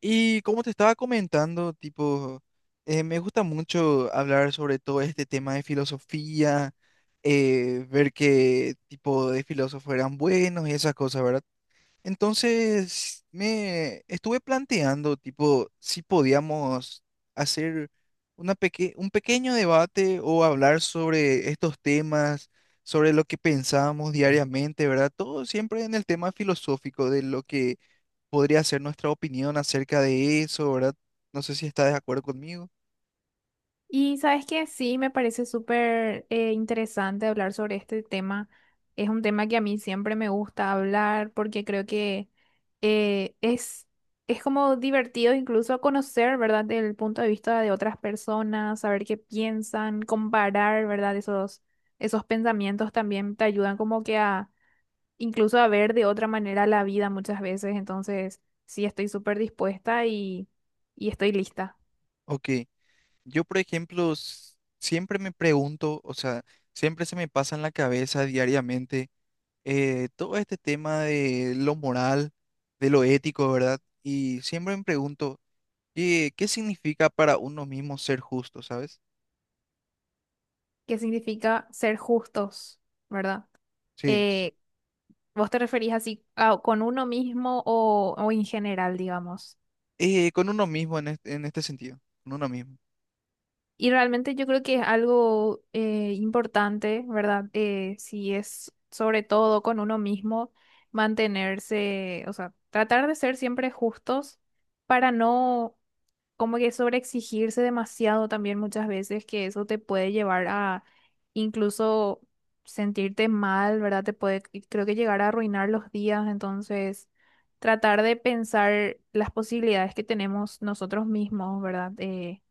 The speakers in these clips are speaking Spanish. Y como te estaba comentando, tipo, me gusta mucho hablar sobre todo este tema de filosofía, ver qué tipo de filósofos eran buenos y esas cosas, ¿verdad? Entonces, me estuve planteando, tipo, si podíamos hacer una un pequeño debate o hablar sobre estos temas, sobre lo que pensábamos diariamente, ¿verdad? Todo siempre en el tema filosófico de lo que podría ser nuestra opinión acerca de eso, ¿verdad? No sé si está de acuerdo conmigo. Y sabes que sí, me parece súper interesante hablar sobre este tema. Es un tema que a mí siempre me gusta hablar porque creo que eh, es, es como divertido incluso conocer, ¿verdad?, del punto de vista de otras personas, saber qué piensan, comparar, ¿verdad? Esos pensamientos también te ayudan como que a incluso a ver de otra manera la vida muchas veces. Entonces, sí, estoy súper dispuesta y estoy lista. Ok, yo por ejemplo siempre me pregunto, o sea, siempre se me pasa en la cabeza diariamente, todo este tema de lo moral, de lo ético, ¿verdad? Y siempre me pregunto, qué significa para uno mismo ser justo?, ¿sabes? ¿Qué significa ser justos, verdad? Sí, Eh, ¿Vos te referís así con uno mismo o en general, digamos? Con uno mismo en en este sentido, con uno mismo. Y realmente yo creo que es algo importante, ¿verdad? Si es sobre todo con uno mismo, mantenerse, o sea, tratar de ser siempre justos para no como que sobreexigirse demasiado también muchas veces, que eso te puede llevar a incluso sentirte mal, ¿verdad? Te puede, y creo que llegar a arruinar los días, entonces tratar de pensar las posibilidades que tenemos nosotros mismos, ¿verdad?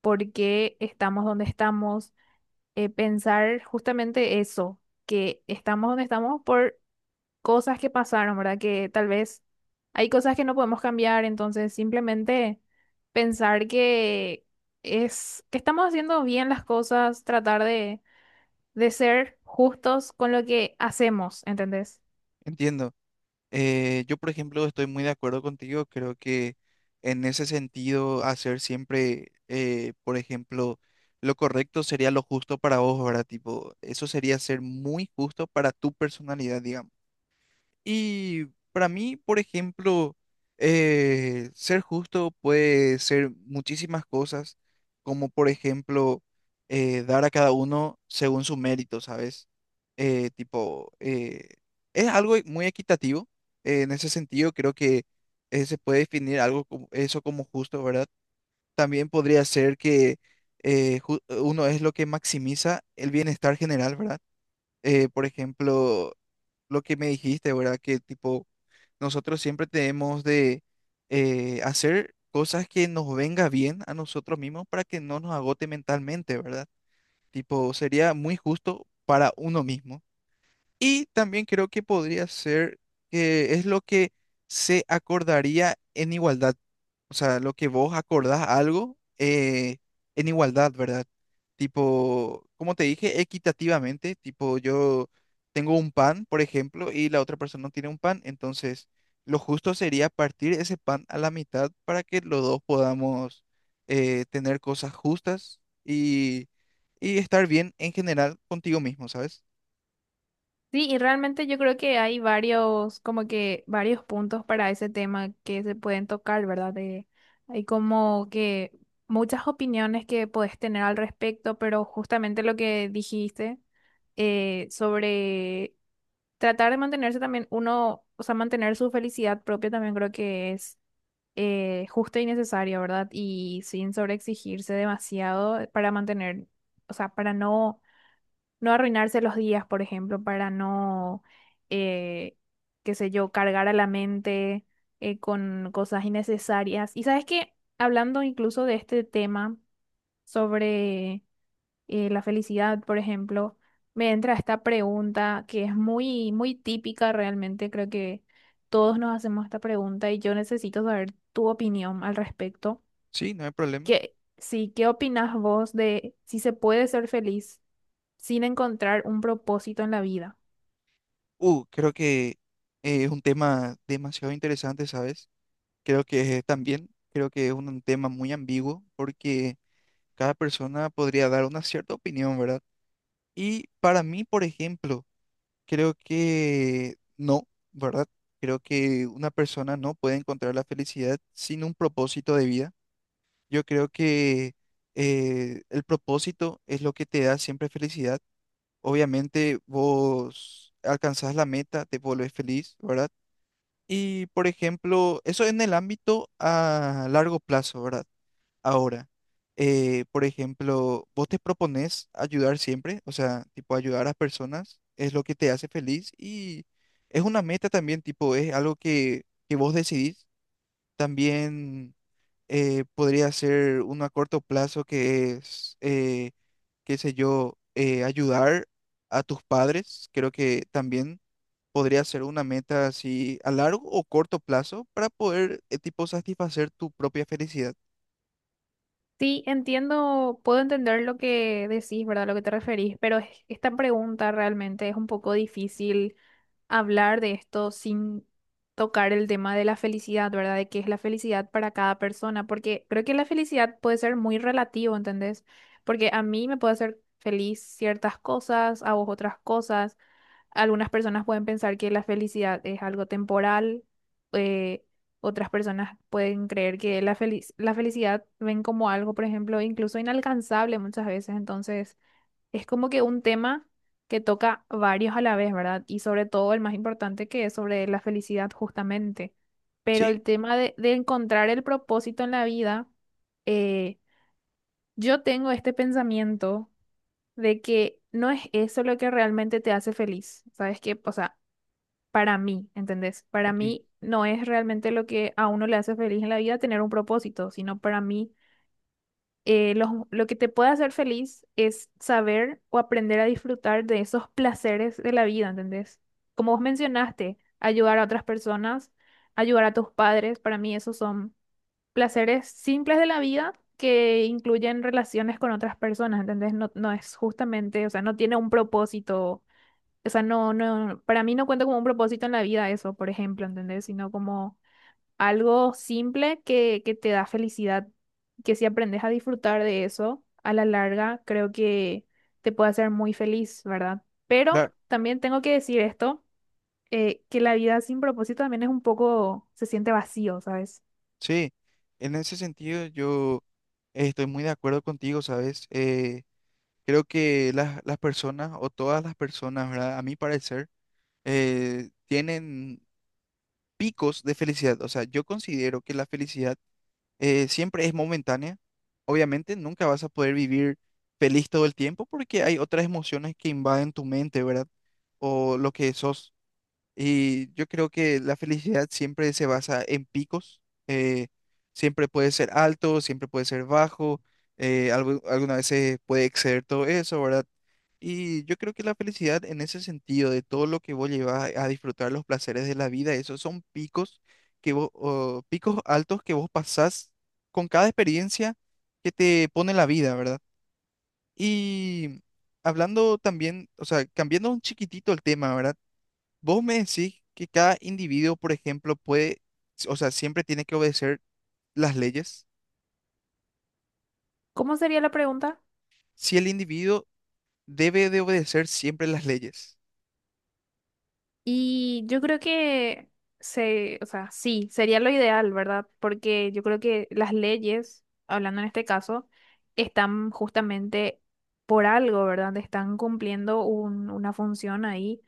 Por qué estamos donde estamos, pensar justamente eso, que estamos donde estamos por cosas que pasaron, ¿verdad? Que tal vez hay cosas que no podemos cambiar, entonces simplemente pensar que es que estamos haciendo bien las cosas, tratar de ser justos con lo que hacemos, ¿entendés? Entiendo. Yo, por ejemplo, estoy muy de acuerdo contigo. Creo que en ese sentido, hacer siempre, por ejemplo, lo correcto sería lo justo para vos, ¿verdad? Tipo, eso sería ser muy justo para tu personalidad, digamos. Y para mí, por ejemplo, ser justo puede ser muchísimas cosas, como por ejemplo dar a cada uno según su mérito, ¿sabes? Eh, tipo, eh, es algo muy equitativo. En ese sentido, creo que se puede definir algo como eso como justo, ¿verdad? También podría ser que uno es lo que maximiza el bienestar general, ¿verdad? Por ejemplo, lo que me dijiste, ¿verdad? Que tipo, nosotros siempre tenemos de hacer cosas que nos venga bien a nosotros mismos para que no nos agote mentalmente, ¿verdad? Tipo, sería muy justo para uno mismo. Y también creo que podría ser que es lo que se acordaría en igualdad. O sea, lo que vos acordás algo en igualdad, ¿verdad? Tipo, como te dije, equitativamente, tipo, yo tengo un pan, por ejemplo, y la otra persona no tiene un pan, entonces lo justo sería partir ese pan a la mitad para que los dos podamos tener cosas justas y estar bien en general contigo mismo, ¿sabes? Sí, y realmente yo creo que hay varios, como que varios puntos para ese tema que se pueden tocar, ¿verdad? De, hay como que muchas opiniones que podés tener al respecto, pero justamente lo que dijiste sobre tratar de mantenerse también uno, o sea, mantener su felicidad propia también creo que es justo y necesario, ¿verdad? Y sin sobreexigirse demasiado para mantener, o sea, para no arruinarse los días, por ejemplo, para no, eh, qué sé yo, cargar a la mente con cosas innecesarias. Y sabes que, hablando incluso de este tema sobre la felicidad, por ejemplo, me entra esta pregunta que es muy, muy típica realmente, creo que todos nos hacemos esta pregunta y yo necesito saber tu opinión al respecto. Sí, no hay problema. ¿Qué, sí, qué opinas vos de si se puede ser feliz sin encontrar un propósito en la vida? Creo que es un tema demasiado interesante, ¿sabes? Creo que es también, creo que es un tema muy ambiguo porque cada persona podría dar una cierta opinión, ¿verdad? Y para mí, por ejemplo, creo que no, ¿verdad? Creo que una persona no puede encontrar la felicidad sin un propósito de vida. Yo creo que el propósito es lo que te da siempre felicidad. Obviamente vos alcanzás la meta, te volvés feliz, ¿verdad? Y, por ejemplo, eso en el ámbito a largo plazo, ¿verdad? Ahora, por ejemplo, vos te propones ayudar siempre, o sea, tipo ayudar a personas es lo que te hace feliz y es una meta también, tipo, es algo que vos decidís. También podría ser uno a corto plazo que es, qué sé yo, ayudar a tus padres. Creo que también podría ser una meta así a largo o corto plazo para poder, tipo, satisfacer tu propia felicidad. Sí, entiendo, puedo entender lo que decís, ¿verdad? Lo que te referís, pero esta pregunta realmente es un poco difícil hablar de esto sin tocar el tema de la felicidad, ¿verdad? De qué es la felicidad para cada persona, porque creo que la felicidad puede ser muy relativo, ¿entendés? Porque a mí me puede hacer feliz ciertas cosas, a vos otras cosas. Algunas personas pueden pensar que la felicidad es algo temporal, eh, otras personas pueden creer que la la felicidad ven como algo, por ejemplo, incluso inalcanzable muchas veces. Entonces, es como que un tema que toca varios a la vez, ¿verdad? Y sobre todo el más importante que es sobre la felicidad justamente. Pero Sí, el tema de encontrar el propósito en la vida, eh, yo tengo este pensamiento de que no es eso lo que realmente te hace feliz. ¿Sabes qué? O sea, para mí, ¿entendés? Para ok. mí no es realmente lo que a uno le hace feliz en la vida tener un propósito, sino para mí lo que te puede hacer feliz es saber o aprender a disfrutar de esos placeres de la vida, ¿entendés? Como vos mencionaste, ayudar a otras personas, ayudar a tus padres, para mí esos son placeres simples de la vida que incluyen relaciones con otras personas, ¿entendés? No, no es justamente, o sea, no tiene un propósito, o sea, no, no, para mí no cuenta como un propósito en la vida eso, por ejemplo, ¿entendés? Sino como algo simple que te da felicidad, que si aprendes a disfrutar de eso a la larga, creo que te puede hacer muy feliz, ¿verdad? Pero Claro. también tengo que decir esto, que la vida sin propósito también es un poco, se siente vacío, ¿sabes? Sí, en ese sentido yo, estoy muy de acuerdo contigo, ¿sabes? Creo que las personas o todas las personas, ¿verdad? A mi parecer, tienen picos de felicidad. O sea, yo considero que la felicidad siempre es momentánea. Obviamente nunca vas a poder vivir feliz todo el tiempo porque hay otras emociones que invaden tu mente, ¿verdad? O lo que sos. Y yo creo que la felicidad siempre se basa en picos, eh, siempre puede ser alto, siempre puede ser bajo, algunas veces puede exceder todo eso, ¿verdad? Y yo creo que la felicidad en ese sentido, de todo lo que vos llevas a disfrutar los placeres de la vida, esos son picos que vos, o picos altos que vos pasás con cada experiencia que te pone la vida, ¿verdad? Y hablando también, o sea, cambiando un chiquitito el tema, ¿verdad? Vos me decís que cada individuo, por ejemplo, puede, o sea, siempre tiene que obedecer las leyes. ¿Cómo sería la pregunta? Si el individuo debe de obedecer siempre las leyes. Y yo creo que se, o sea, sí, sería lo ideal, ¿verdad? Porque yo creo que las leyes, hablando en este caso, están justamente por algo, ¿verdad? Están cumpliendo una función ahí,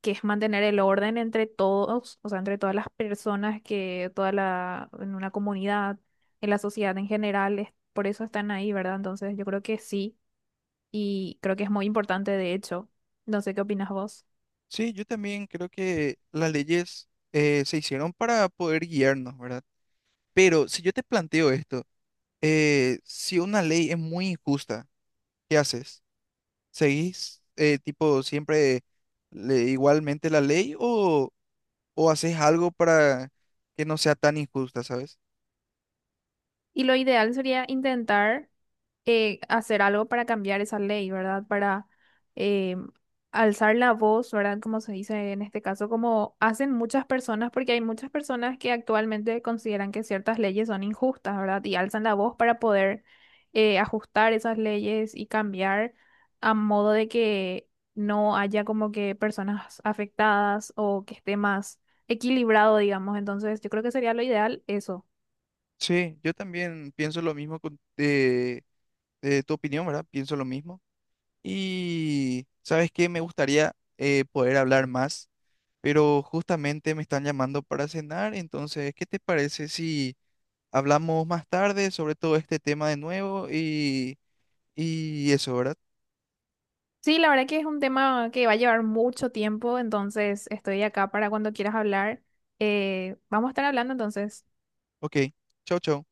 que es mantener el orden entre todos, o sea, entre todas las personas que toda la, en una comunidad, en la sociedad en general, por eso están ahí, ¿verdad? Entonces, yo creo que sí, y creo que es muy importante, de hecho. No sé qué opinas vos. Sí, yo también creo que las leyes se hicieron para poder guiarnos, ¿verdad? Pero si yo te planteo esto, si una ley es muy injusta, ¿qué haces? ¿Seguís tipo siempre igualmente la ley, o haces algo para que no sea tan injusta?, ¿sabes? Y lo ideal sería intentar hacer algo para cambiar esa ley, ¿verdad? Para eh, alzar la voz, ¿verdad? Como se dice en este caso, como hacen muchas personas, porque hay muchas personas que actualmente consideran que ciertas leyes son injustas, ¿verdad? Y alzan la voz para poder ajustar esas leyes y cambiar a modo de que no haya como que personas afectadas o que esté más equilibrado, digamos. Entonces, yo creo que sería lo ideal eso. Sí, yo también pienso lo mismo de tu opinión, ¿verdad? Pienso lo mismo. Y, ¿sabes qué? Me gustaría, poder hablar más, pero justamente me están llamando para cenar, entonces, ¿qué te parece si hablamos más tarde sobre todo este tema de nuevo y eso, verdad? Sí, la verdad que es un tema que va a llevar mucho tiempo, entonces estoy acá para cuando quieras hablar. Vamos a estar hablando entonces. Ok, chau, chau.